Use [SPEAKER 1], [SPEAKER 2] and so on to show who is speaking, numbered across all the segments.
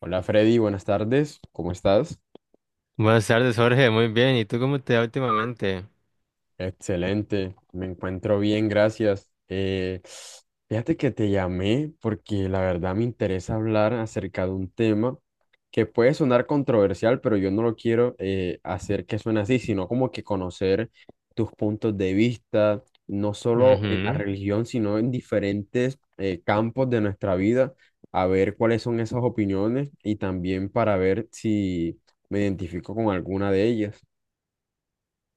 [SPEAKER 1] Hola Freddy, buenas tardes, ¿cómo estás?
[SPEAKER 2] Buenas tardes, Jorge. Muy bien. ¿Y tú cómo te va últimamente?
[SPEAKER 1] Excelente, me encuentro bien, gracias. Fíjate que te llamé porque la verdad me interesa hablar acerca de un tema que puede sonar controversial, pero yo no lo quiero hacer que suene así, sino como que conocer tus puntos de vista, no solo en la
[SPEAKER 2] Ujú.
[SPEAKER 1] religión, sino en diferentes campos de nuestra vida, a ver cuáles son esas opiniones y también para ver si me identifico con alguna de ellas.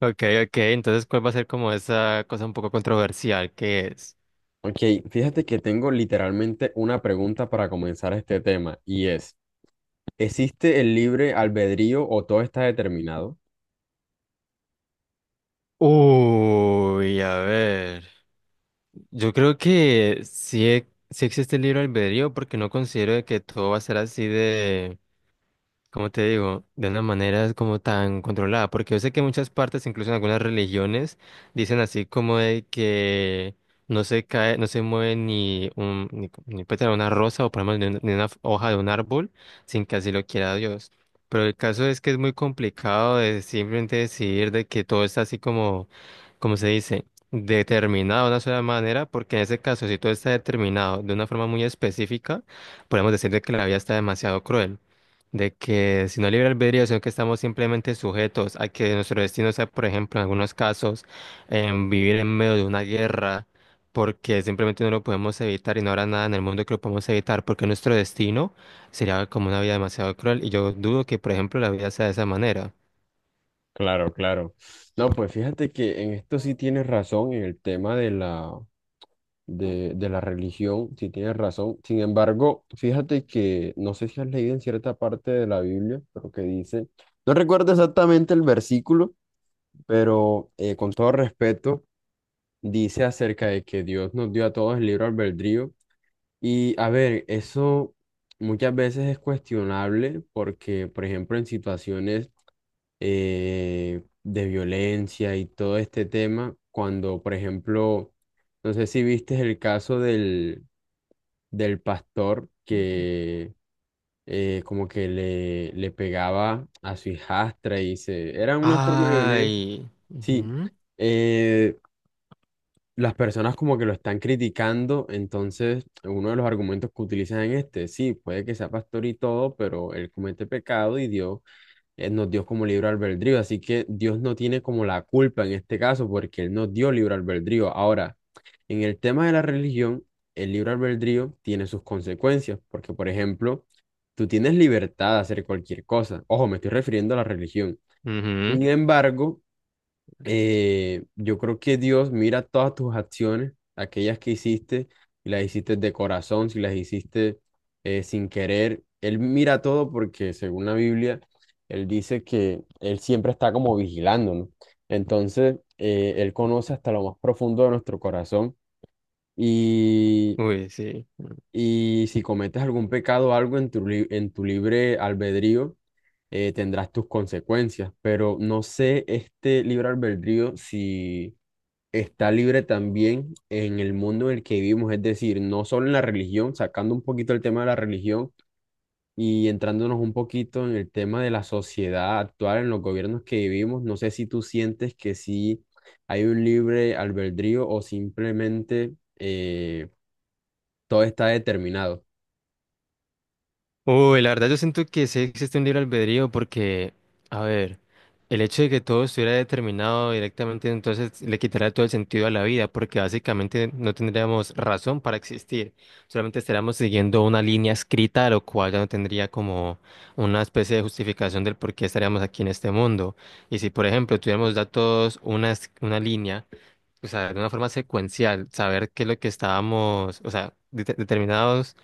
[SPEAKER 2] Ok, ok. Entonces, ¿cuál va a ser como esa cosa un poco controversial que es?
[SPEAKER 1] Ok, fíjate que tengo literalmente una pregunta para comenzar este tema y es, ¿existe el libre albedrío o todo está determinado?
[SPEAKER 2] Uy, a ver. Yo creo que sí, sí existe el libre albedrío porque no considero de que todo va a ser así de, como te digo, de una manera es como tan controlada, porque yo sé que en muchas partes, incluso en algunas religiones, dicen así como de que no se cae, no se mueve ni un, ni, ni pétalo de una rosa o por lo menos ni una hoja de un árbol sin que así lo quiera Dios. Pero el caso es que es muy complicado de simplemente decidir de que todo está así como, como se dice, determinado de una sola manera, porque en ese caso, si todo está determinado de una forma muy específica, podemos decir de que la vida está demasiado cruel de que si no libre albedrío, sino que estamos simplemente sujetos a que nuestro destino sea, por ejemplo, en algunos casos, vivir en medio de una guerra, porque simplemente no lo podemos evitar y no habrá nada en el mundo que lo podamos evitar, porque nuestro destino sería como una vida demasiado cruel y yo dudo que, por ejemplo, la vida sea de esa manera.
[SPEAKER 1] Claro, claro. No, pues fíjate que en esto sí tienes razón, en el tema de de la religión, sí tienes razón. Sin embargo, fíjate que no sé si has leído en cierta parte de la Biblia, pero que dice, no recuerdo exactamente el versículo, pero con todo respeto, dice acerca de que Dios nos dio a todos el libre albedrío. Y a ver, eso muchas veces es cuestionable porque, por ejemplo, en situaciones de violencia y todo este tema, cuando, por ejemplo, no sé si viste el caso del pastor que como que le pegaba a su hijastra y se... Era una forma de violencia.
[SPEAKER 2] Ay.
[SPEAKER 1] Sí,
[SPEAKER 2] Ujú.
[SPEAKER 1] eh, las personas como que lo están criticando, entonces uno de los argumentos que utilizan en este, sí, puede que sea pastor y todo, pero él comete pecado y Dios nos dio como libre albedrío, así que Dios no tiene como la culpa en este caso porque él nos dio libre albedrío. Ahora, en el tema de la religión, el libre albedrío tiene sus consecuencias, porque por ejemplo, tú tienes libertad de hacer cualquier cosa. Ojo, me estoy refiriendo a la religión.
[SPEAKER 2] Ujú.
[SPEAKER 1] Sin embargo, yo creo que Dios mira todas tus acciones, aquellas que hiciste, y las hiciste de corazón, si las hiciste sin querer. Él mira todo porque según la Biblia, Él dice que Él siempre está como vigilándonos. Entonces, Él conoce hasta lo más profundo de nuestro corazón y,
[SPEAKER 2] Uy, sí.
[SPEAKER 1] y si cometes algún pecado o algo en en tu libre albedrío, tendrás tus consecuencias, pero no sé este libre albedrío si está libre también en el mundo en el que vivimos, es decir, no solo en la religión, sacando un poquito el tema de la religión y entrándonos un poquito en el tema de la sociedad actual, en los gobiernos que vivimos, no sé si tú sientes que sí hay un libre albedrío o simplemente eh, todo está determinado.
[SPEAKER 2] Uy, la verdad yo siento que sí existe un libre albedrío porque, a ver, el hecho de que todo estuviera determinado directamente entonces le quitaría todo el sentido a la vida porque básicamente no tendríamos razón para existir, solamente estaríamos siguiendo una línea escrita, lo cual ya no tendría como una especie de justificación del por qué estaríamos aquí en este mundo. Y si, por ejemplo, tuviéramos datos, una línea, o sea, de una forma secuencial, saber qué es lo que estábamos, o sea, determinados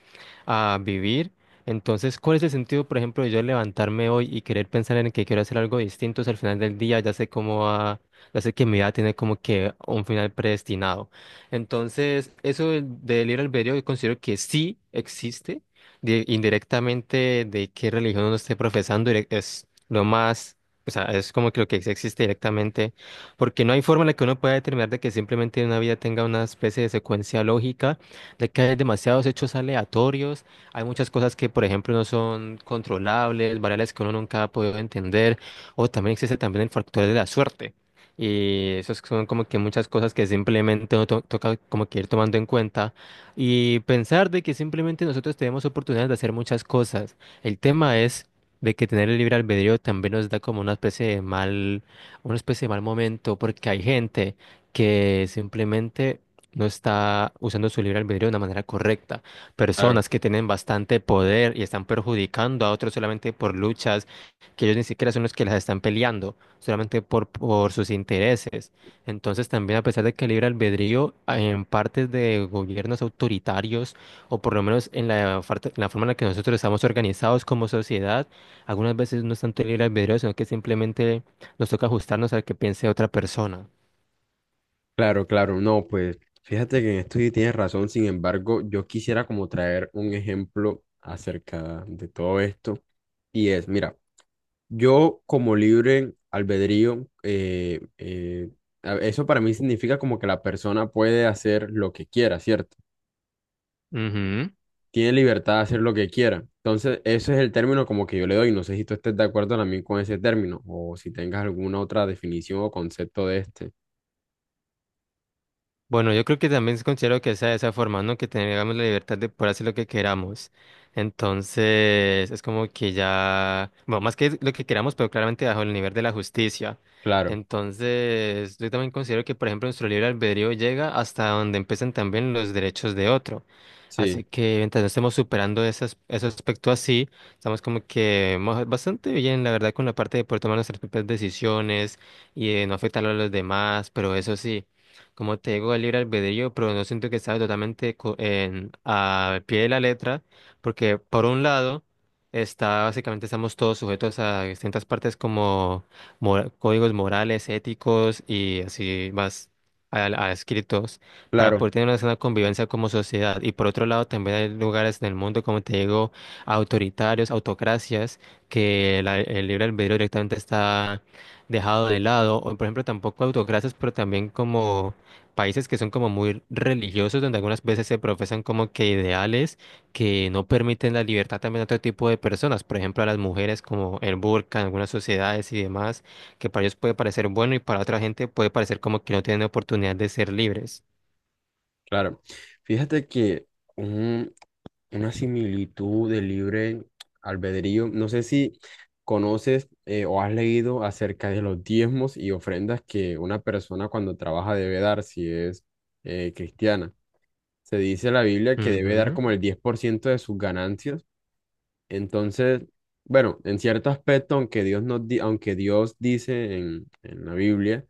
[SPEAKER 2] a vivir. Entonces, ¿cuál es el sentido, por ejemplo, de yo levantarme hoy y querer pensar en que quiero hacer algo distinto? Si al final del día ya sé cómo va, ya sé que mi vida tiene como que un final predestinado. Entonces, eso del libre albedrío yo considero que sí existe, indirectamente de qué religión uno esté profesando, es lo más, o sea, es como que lo que sí existe directamente, porque no hay forma en la que uno pueda determinar de que simplemente una vida tenga una especie de secuencia lógica de que hay demasiados hechos aleatorios, hay muchas cosas que, por ejemplo, no son controlables, variables que uno nunca ha podido entender, o también existe también el factor de la suerte. Y esas son como que muchas cosas que simplemente uno toca como que ir tomando en cuenta y pensar de que simplemente nosotros tenemos oportunidades de hacer muchas cosas. El tema es de que tener el libre albedrío también nos da como una especie de mal, una especie de mal momento, porque hay gente que simplemente no está usando su libre albedrío de una manera correcta.
[SPEAKER 1] Claro.
[SPEAKER 2] Personas que tienen bastante poder y están perjudicando a otros solamente por luchas que ellos ni siquiera son los que las están peleando, solamente por sus intereses. Entonces también a pesar de que el libre albedrío ah, en partes de gobiernos autoritarios, o por lo menos en la forma en la que nosotros estamos organizados como sociedad, algunas veces no es tanto el libre albedrío, sino que simplemente nos toca ajustarnos al que piense otra persona.
[SPEAKER 1] Claro, claro, no, pues fíjate que en esto sí tienes razón, sin embargo, yo quisiera como traer un ejemplo acerca de todo esto y es, mira, yo como libre albedrío, eso para mí significa como que la persona puede hacer lo que quiera, ¿cierto?
[SPEAKER 2] Ujú.
[SPEAKER 1] Tiene libertad de hacer lo que quiera. Entonces, ese es el término como que yo le doy. No sé si tú estés de acuerdo también con ese término o si tengas alguna otra definición o concepto de este.
[SPEAKER 2] Bueno, yo creo que también considero que sea de esa forma, ¿no? Que tengamos la libertad de poder hacer lo que queramos. Entonces, es como que ya, bueno, más que lo que queramos, pero claramente bajo el nivel de la justicia.
[SPEAKER 1] Claro,
[SPEAKER 2] Entonces, yo también considero que, por ejemplo, nuestro libre albedrío llega hasta donde empiezan también los derechos de otro.
[SPEAKER 1] sí,
[SPEAKER 2] Así que mientras no estemos superando ese aspecto así, estamos como que bastante bien, la verdad, con la parte de poder tomar nuestras propias decisiones y de no afectar a los demás, pero eso sí, como te digo, el libre albedrío, pero no siento que estaba totalmente al pie de la letra, porque por un lado, está, básicamente estamos todos sujetos a distintas partes como códigos morales, éticos y así más a escritos, para
[SPEAKER 1] claro,
[SPEAKER 2] poder tener una sana convivencia como sociedad. Y por otro lado, también hay lugares en el mundo, como te digo, autoritarios, autocracias, que el libre albedrío directamente está dejado de lado, o por ejemplo tampoco autocracias, pero también como países que son como muy religiosos, donde algunas veces se profesan como que ideales que no permiten la libertad también a otro tipo de personas, por ejemplo a las mujeres como el burka en algunas sociedades y demás, que para ellos puede parecer bueno y para otra gente puede parecer como que no tienen oportunidad de ser libres.
[SPEAKER 1] claro. Fíjate que una similitud de libre albedrío. No sé si conoces o has leído acerca de los diezmos y ofrendas que una persona cuando trabaja debe dar si es cristiana. Se dice en la Biblia que debe dar
[SPEAKER 2] Ujú,
[SPEAKER 1] como el 10% de sus ganancias. Entonces, bueno, en cierto aspecto, aunque Dios dice en la Biblia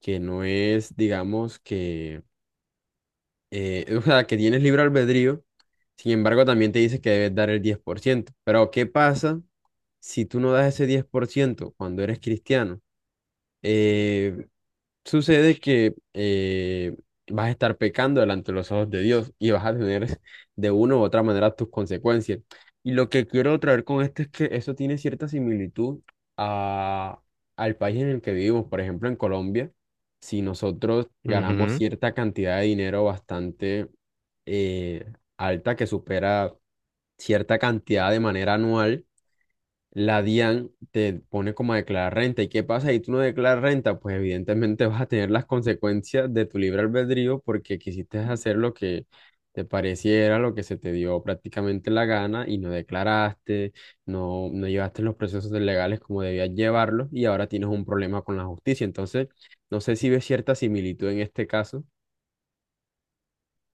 [SPEAKER 1] que no es, digamos, que o sea, que tienes libre albedrío, sin embargo, también te dice que debes dar el 10%. Pero, ¿qué pasa si tú no das ese 10% cuando eres cristiano? Eh, Sucede que vas a estar pecando delante de los ojos de Dios y vas a tener de una u otra manera tus consecuencias. Y lo que quiero traer con esto es que eso tiene cierta similitud a, al país en el que vivimos. Por ejemplo, en Colombia, si nosotros ganamos
[SPEAKER 2] ujú.
[SPEAKER 1] cierta cantidad de dinero bastante eh, alta que supera cierta cantidad de manera anual, la DIAN te pone como a declarar renta. ¿Y qué pasa si tú no declaras renta? Pues evidentemente vas a tener las consecuencias de tu libre albedrío porque quisiste hacer lo que te pareciera, lo que se te dio prácticamente la gana y no declaraste, no, no llevaste los procesos legales como debías llevarlos y ahora tienes un problema con la justicia. Entonces, no sé si ves cierta similitud en este caso.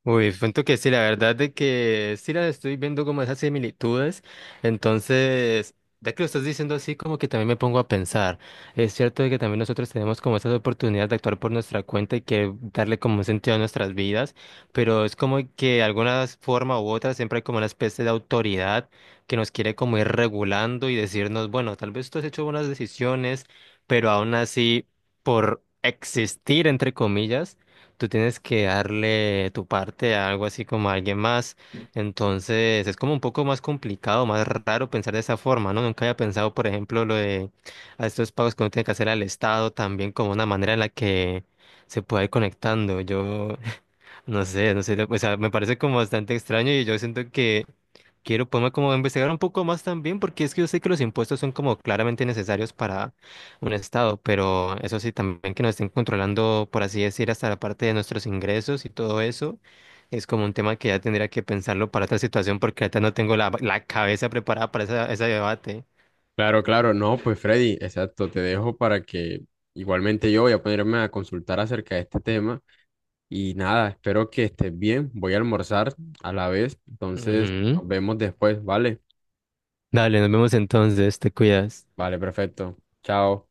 [SPEAKER 2] Uy, cuento que sí, la verdad de que sí la estoy viendo como esas similitudes, entonces, ya que lo estás diciendo así, como que también me pongo a pensar, es cierto de que también nosotros tenemos como esas oportunidades de actuar por nuestra cuenta y que darle como un sentido a nuestras vidas, pero es como que de alguna forma u otra siempre hay como una especie de autoridad que nos quiere como ir regulando y decirnos, bueno, tal vez tú has hecho buenas decisiones, pero aún así, por existir, entre comillas, tú tienes que darle tu parte a algo así como a alguien más. Entonces es como un poco más complicado, más raro pensar de esa forma, ¿no? Nunca había pensado, por ejemplo, lo de a estos pagos que uno tiene que hacer al Estado también como una manera en la que se pueda ir conectando. Yo no sé, no sé, o sea, me parece como bastante extraño y yo siento que quiero ponerme como a investigar un poco más también, porque es que yo sé que los impuestos son como claramente necesarios para un estado, pero eso sí, también que nos estén controlando, por así decir, hasta la parte de nuestros ingresos y todo eso, es como un tema que ya tendría que pensarlo para otra situación, porque ahorita no tengo la cabeza preparada para ese debate.
[SPEAKER 1] Claro, claro, no, pues Freddy, exacto, te dejo para que igualmente yo voy a ponerme a consultar acerca de este tema. Y nada, espero que estés bien. Voy a almorzar a la vez. Entonces,
[SPEAKER 2] Ujú.
[SPEAKER 1] nos vemos después, ¿vale?
[SPEAKER 2] Dale, nos vemos entonces, te cuidas.
[SPEAKER 1] Vale, perfecto. Chao.